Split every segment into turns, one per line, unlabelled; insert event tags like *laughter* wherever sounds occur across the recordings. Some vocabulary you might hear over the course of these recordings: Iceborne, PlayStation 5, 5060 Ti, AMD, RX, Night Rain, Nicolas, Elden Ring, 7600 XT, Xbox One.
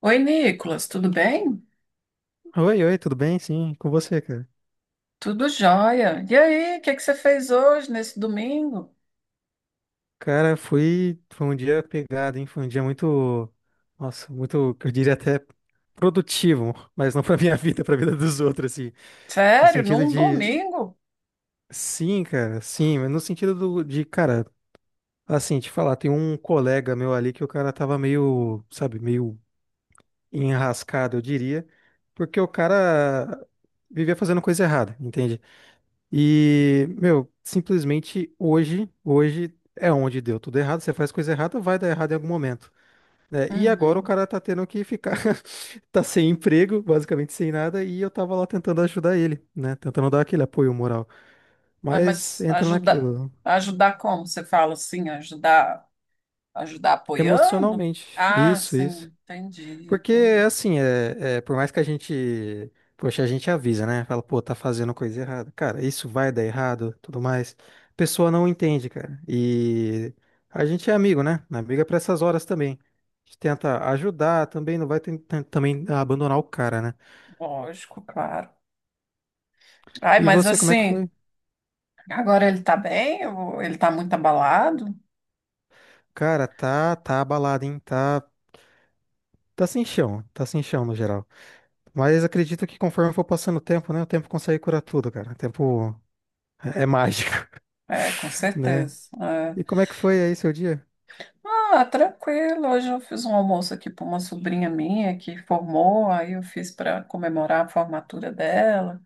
Oi, Nicolas, tudo bem?
Oi, oi, tudo bem? Sim, com você, cara.
Tudo jóia. E aí, o que é que você fez hoje, nesse domingo?
Cara, foi um dia pegado, hein? Foi um dia muito, nossa, muito, eu diria até produtivo, *laughs* mas não pra minha vida, pra vida dos outros, assim. No
Sério,
sentido
num
de,
domingo?
sim, cara, sim, mas no sentido de, cara, assim, te falar, tem um colega meu ali que o cara tava meio, sabe, meio enrascado, eu diria, porque o cara vivia fazendo coisa errada, entende? E, meu, simplesmente hoje é onde deu tudo errado. Você faz coisa errada, vai dar errado em algum momento, né? E agora o
Uhum.
cara tá tendo que ficar, *laughs* tá sem emprego, basicamente sem nada, e eu tava lá tentando ajudar ele, né? Tentando dar aquele apoio moral.
Ah,
Mas
mas
entra
ajudar,
naquilo,
ajudar como? Você fala assim, ajudar, ajudar apoiando?
emocionalmente.
Ah,
Isso, isso.
sim, entendi,
Porque,
entendi.
assim, por mais que a gente, poxa, a gente avisa, né? Fala, pô, tá fazendo coisa errada. Cara, isso vai dar errado, tudo mais. A pessoa não entende, cara. E a gente é amigo, né? Amigo é pra essas horas também. A gente tenta ajudar também, não vai tentar também abandonar o cara, né?
Lógico, claro. Ai,
E
mas
você, como é que
assim,
foi?
agora ele tá bem? Ou ele tá muito abalado?
Cara, tá abalado, hein? Tá, tá sem chão no geral. Mas acredito que conforme for passando o tempo, né? O tempo consegue curar tudo, cara. O tempo é mágico, *laughs*
É, com
né?
certeza. É.
E como é que foi aí seu dia?
Ah, tranquilo. Hoje eu fiz um almoço aqui para uma sobrinha minha que formou, aí eu fiz para comemorar a formatura dela,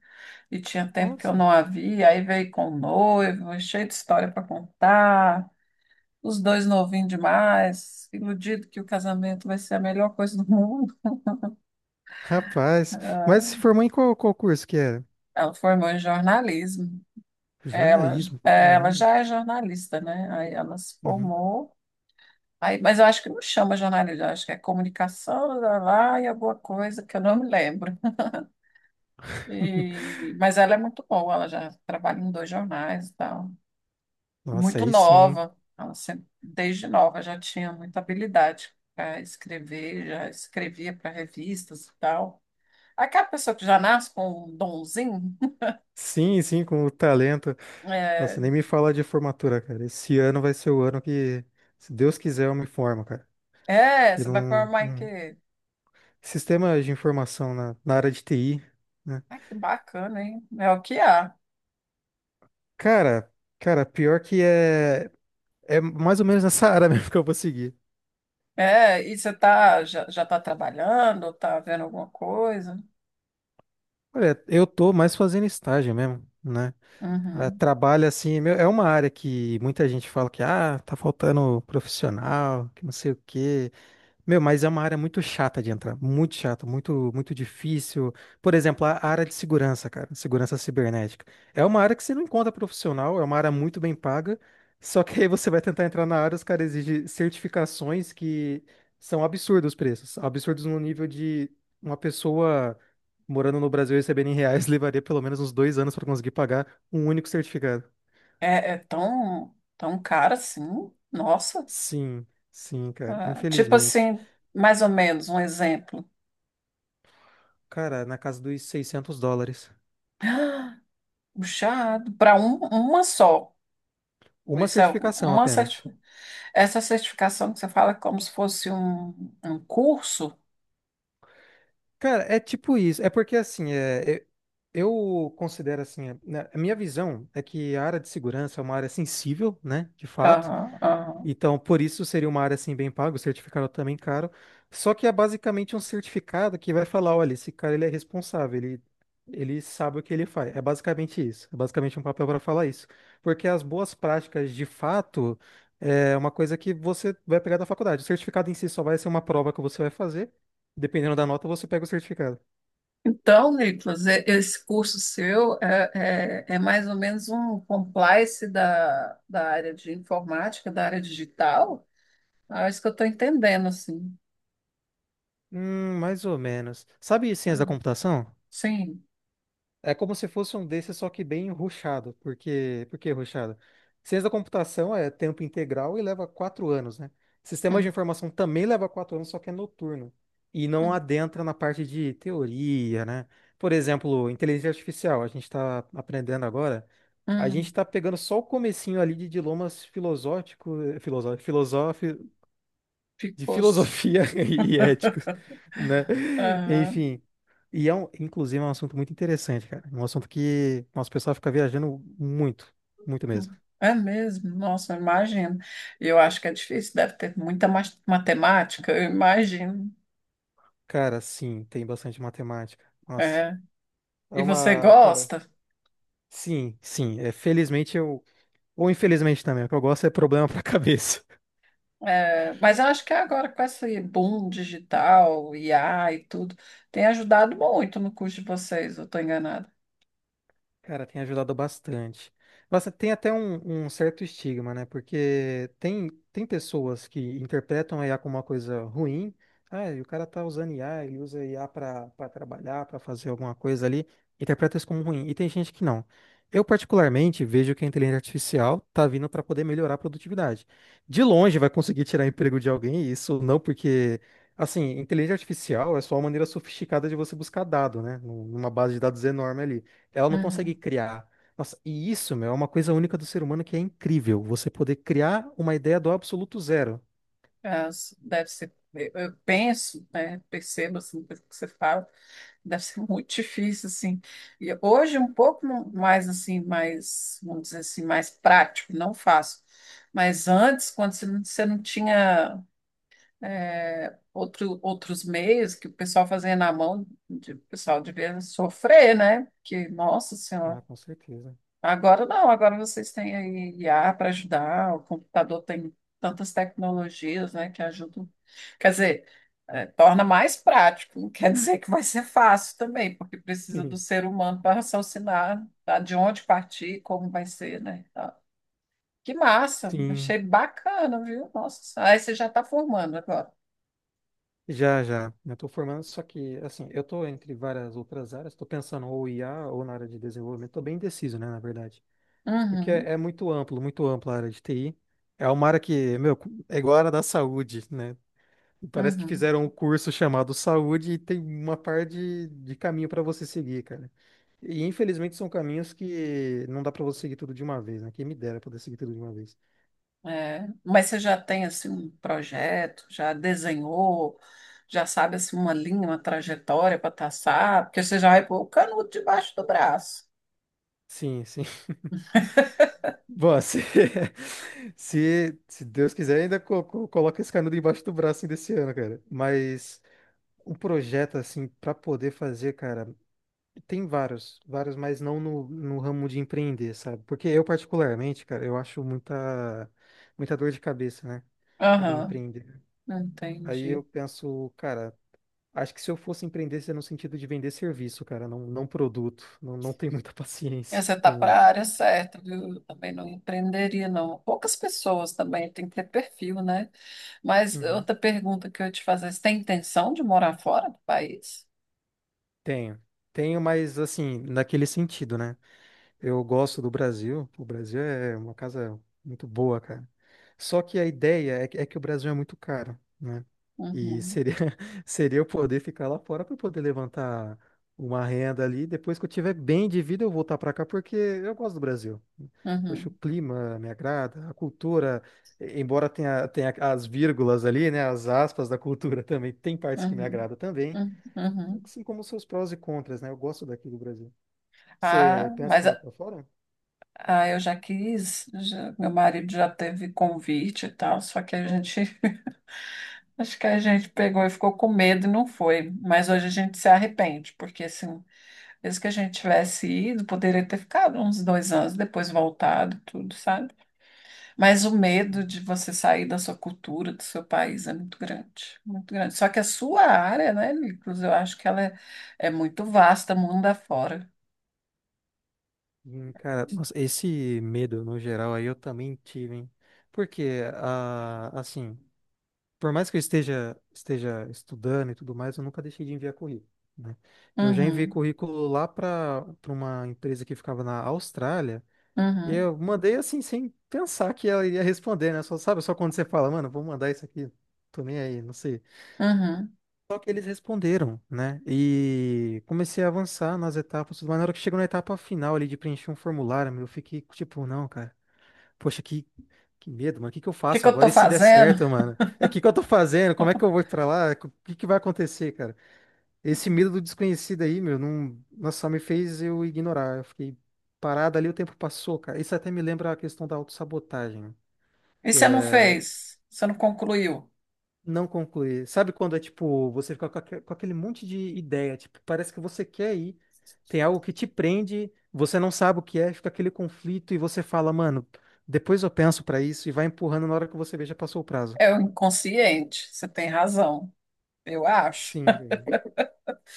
e tinha tempo que eu
Nossa,
não a via, aí veio com o noivo, cheio de história para contar, os dois novinhos demais, iludido que o casamento vai ser a melhor coisa do mundo. *laughs*
rapaz. Mas
Ah,
se formou em qual curso que era?
ela formou em jornalismo, ela,
Jornalismo,
ela
caramba.
já é jornalista, né? Aí ela se
Uhum.
formou. Aí, mas eu acho que não chama jornalismo, eu acho que é comunicação, lá, lá, e alguma coisa que eu não me lembro.
*laughs*
Mas ela é muito boa, ela já trabalha em dois jornais e tal.
Nossa,
Muito
aí sim.
nova, ela sempre, desde nova já tinha muita habilidade para escrever, já escrevia para revistas e tal. Aquela pessoa que já nasce com um donzinho,
Sim, sim, com o talento. Nossa,
é,
nem me fala de formatura, cara. Esse ano vai ser o ano que, se Deus quiser, eu me formo, cara.
é,
Que
você vai
não,
formar em
não-
quê?
Sistema de informação na área de TI, né?
Ai, que bacana, hein? É o que há.
Cara, Cara, pior que é mais ou menos *laughs* nessa área mesmo que eu vou seguir.
É, e você tá, já, já tá trabalhando, tá vendo alguma coisa?
Olha, eu tô mais fazendo estágio mesmo, né? Ah,
Uhum.
trabalha assim, é meu, é uma área que muita gente fala que ah, tá faltando profissional, que não sei o quê. Meu, mas é uma área muito chata de entrar, muito chata, muito muito difícil. Por exemplo, a área de segurança, cara, segurança cibernética. É uma área que você não encontra profissional, é uma área muito bem paga, só que aí você vai tentar entrar na área, os caras exigem certificações que são absurdos os preços, absurdos no nível de uma pessoa morando no Brasil e recebendo em reais *laughs* levaria pelo menos uns 2 anos para conseguir pagar um único certificado.
É, é tão, tão cara assim? Nossa.
Sim, sim, cara,
Ah, tipo
infelizmente.
assim, mais ou menos, um exemplo. *gasps*
Cara, na casa dos US$ 600.
Ah, puxado, para uma só.
Uma
Isso é
certificação
uma certi-
apenas.
Essa certificação que você fala é como se fosse um, um curso.
Cara, é tipo isso. É porque assim, eu considero assim, né, a minha visão é que a área de segurança é uma área sensível, né? De fato.
Aham, aham.
Então, por isso seria uma área assim bem paga, o certificado também caro. Só que é basicamente um certificado que vai falar, olha, esse cara ele é responsável, ele sabe o que ele faz. É basicamente isso. É basicamente um papel para falar isso. Porque as boas práticas, de fato, é uma coisa que você vai pegar da faculdade. O certificado em si só vai ser uma prova que você vai fazer. Dependendo da nota, você pega o certificado.
Então, Nicolas, esse curso seu é, é, é mais ou menos um compliance da, da área de informática, da área digital? Ah, é isso que eu estou entendendo, assim.
Mais ou menos. Sabe ciência
Ah,
da computação?
sim.
É como se fosse um desses, só que bem rushado. Porque, por que rushado? Ciência da computação é tempo integral e leva 4 anos, né? Sistemas de
Hum,
informação também leva 4 anos, só que é noturno. E não
hum,
adentra na parte de teoria, né? Por exemplo, inteligência artificial, a gente está aprendendo agora. A gente
hum.
está pegando só o comecinho ali de dilemas filosóficos, filosóficos, de
Ficou.
filosofia *laughs* e
*laughs*
éticos, né?
Aham.
Enfim, e é um, inclusive é um assunto muito interessante, cara. É um assunto que nosso pessoal fica viajando muito, muito mesmo.
É mesmo? Nossa, eu imagino. Eu acho que é difícil, deve ter matemática, eu imagino.
Cara, sim, tem bastante matemática. Nossa,
É.
é
E você
uma, cara,
gosta?
sim, sim, felizmente eu ou infelizmente também, o que eu gosto é problema pra *laughs* cabeça.
É, mas eu acho que agora com esse boom digital, IA e tudo, tem ajudado muito no curso de vocês, eu estou enganada.
Cara, tem ajudado bastante. Nossa, tem até um certo estigma, né? Porque tem pessoas que interpretam a IA como uma coisa ruim. Ah, e o cara tá usando IA, ele usa IA para trabalhar, para fazer alguma coisa ali. Interpreta isso como ruim. E tem gente que não. Eu, particularmente, vejo que a inteligência artificial tá vindo para poder melhorar a produtividade. De longe, vai conseguir tirar *laughs* emprego de alguém, isso não porque. Assim, inteligência artificial é só uma maneira sofisticada de você buscar dado, né? Numa base de dados enorme ali. Ela não consegue
Uhum.
criar. Nossa, e isso, meu, é uma coisa única do ser humano que é incrível. Você poder criar uma ideia do absoluto zero.
Deve ser, eu penso, né, percebo assim, pelo que você fala, deve ser *laughs* muito difícil, assim. E hoje um pouco mais, assim, mais, vamos dizer assim, mais prático, não fácil. Mas antes, quando você não tinha outro, outros meios que o pessoal fazia na mão, o pessoal devia sofrer, né? Que, nossa senhora.
Ah, com certeza.
Agora não, agora vocês têm aí IA para ajudar, o computador tem tantas tecnologias, né, que ajudam. Quer dizer, torna mais prático, não quer dizer que vai ser fácil também, porque precisa do
*laughs*
ser humano para raciocinar, tá, de onde partir, como vai ser, né? Tá. Que massa,
Sim,
achei bacana, viu? Nossa, aí você já está formando agora.
já, já. Eu tô formando, só que, assim, eu tô entre várias outras áreas. Tô pensando ou IA ou na área de desenvolvimento. Tô bem indeciso, né, na verdade. Porque
Uhum,
é muito amplo, muito ampla a área de TI. É uma área que, meu, é igual a área da saúde, né? Parece que
uhum.
fizeram um curso chamado Saúde e tem uma par de caminho para você seguir, cara. E infelizmente são caminhos que não dá para você seguir tudo de uma vez, né? Quem me dera poder seguir tudo de uma vez.
É, mas você já tem assim um projeto, já desenhou, já sabe assim uma linha, uma trajetória para traçar, porque você já vai pôr o canudo debaixo do braço.
Sim, sim. Bom, se, *laughs* se Deus quiser, ainda coloca esse canudo embaixo do braço ainda esse ano, cara. Mas um projeto assim para poder fazer, cara. Tem vários, vários, mas não no ramo de empreender, sabe? Porque eu, particularmente, cara, eu acho muita, muita dor de cabeça, né? Poder
Aham,
empreender. Aí eu
entendi.
penso, cara, acho que se eu fosse empreender, seria no sentido de vender serviço, cara, não, não produto. Não, não tenho muita *laughs*
E
paciência
você está para
com.
a área certa, viu? Eu também não empreenderia, não. Poucas pessoas também tem que ter perfil, né? Mas
Uhum.
outra pergunta que eu ia te fazer, você tem intenção de morar fora do país?
Tenho. Tenho, mas assim, naquele sentido, né? Eu gosto do Brasil. O Brasil é uma casa muito boa, cara. Só que a ideia é que, o Brasil é muito caro, né? E
Uhum,
seria, *laughs* seria eu poder ficar lá fora para poder levantar uma renda ali. Depois que eu tiver bem de vida, eu voltar para cá porque eu gosto do Brasil. Eu acho o
uhum,
clima me agrada, a cultura, embora tenha, as vírgulas ali, né? As aspas da cultura *laughs* também, tem partes que me
uhum,
agrada também,
uhum, uhum.
assim como seus prós e contras, né? Eu gosto daqui do Brasil.
Ah,
Você pensa em
mas
morar para fora?
Ah, eu já quis, meu marido já teve convite e tal, só que a gente, *laughs* acho que a gente pegou e ficou com medo e não foi. Mas hoje a gente se arrepende, porque assim, mesmo que a gente tivesse ido, poderia ter ficado uns 2 anos, depois voltado, tudo, sabe? Mas o medo de você sair da sua cultura, do seu país é muito grande, muito grande. Só que a sua área, né, Nicolas, eu acho que ela é, é muito vasta, mundo afora.
Cara, nossa, esse medo no geral aí eu também tive, hein? Porque, ah, assim, por mais que eu esteja, estudando e tudo mais, eu nunca deixei de enviar currículo, né? Eu já enviei
Uhum,
currículo lá para uma empresa que ficava na Austrália e
uhum,
eu mandei assim, sem pensar que ela iria responder, né? Só, sabe, só quando você fala, mano, vou mandar isso aqui, tô nem aí, não sei.
uhum. O
Só que eles responderam, né? E comecei a avançar nas etapas, mas na hora que chegou na etapa final ali de preencher um formulário, meu, eu fiquei tipo, não, cara, poxa, que medo, mano, o que que eu
que
faço
que eu
agora?
tô
E se der
fazendo?
certo, mano? É o que que eu tô fazendo? Como é que eu vou pra lá? O que que vai acontecer, cara? Esse medo do desconhecido aí, meu, não, nossa, só me fez eu ignorar. Eu fiquei parado ali, o tempo passou, cara. Isso até me lembra a questão da autossabotagem,
E
que
você não
é
fez? Você não concluiu?
não concluir. Sabe quando é tipo, você fica com com aquele monte de ideia, tipo, parece que você quer ir, tem algo que te prende, você não sabe o que é, fica aquele conflito e você fala, mano, depois eu penso pra isso e vai empurrando na hora que você vê já passou o prazo.
É o inconsciente, você tem razão, eu acho.
Sim, velho.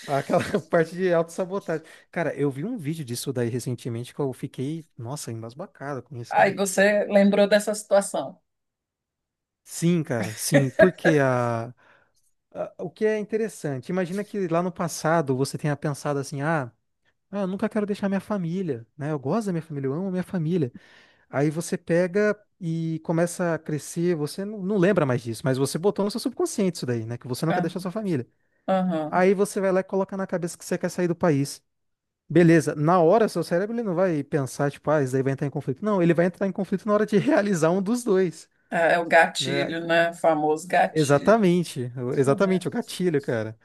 Aquela *laughs* parte de autossabotagem. Cara, eu vi um vídeo disso daí recentemente que eu fiquei, nossa, embasbacado com isso,
Aí
cara.
você lembrou dessa situação.
Sim, cara, sim, porque o que é interessante, imagina que lá no passado você tenha pensado assim, ah. Ah, eu nunca quero deixar minha família, né? Eu gosto da minha família, eu amo a minha família. Aí você pega e começa a crescer, você não lembra mais disso, mas você botou no seu subconsciente isso daí, né? Que você não quer
Ah,
deixar sua família.
aham.
Aí você vai lá e coloca na cabeça que você quer sair do país. Beleza, na hora seu cérebro ele não vai pensar, tipo, ah, isso daí vai entrar em conflito. Não, ele vai entrar em conflito na hora de *laughs* realizar um dos dois,
É, é o
né?
gatilho, né? O famoso gatilho.
Exatamente,
Uhum.
exatamente, o gatilho, cara.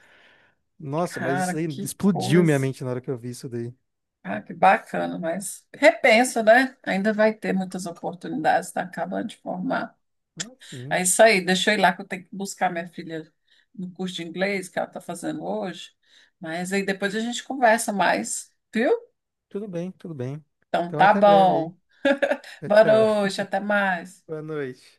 Nossa, mas isso
Cara,
aí
que
explodiu minha
coisa.
mente na hora que eu vi isso daí.
Ah, que bacana, mas repensa, né? Ainda vai ter muitas oportunidades, tá acabando de formar.
Ah,
É
sim.
isso aí, deixa eu ir lá que eu tenho que buscar minha filha no curso de inglês que ela está fazendo hoje. Mas aí depois a gente conversa mais, viu?
Tudo bem, tudo bem.
Então
Então,
tá
até breve
bom.
aí.
Boa
Tchau, tchau. *laughs*
noite, até mais.
Boa noite.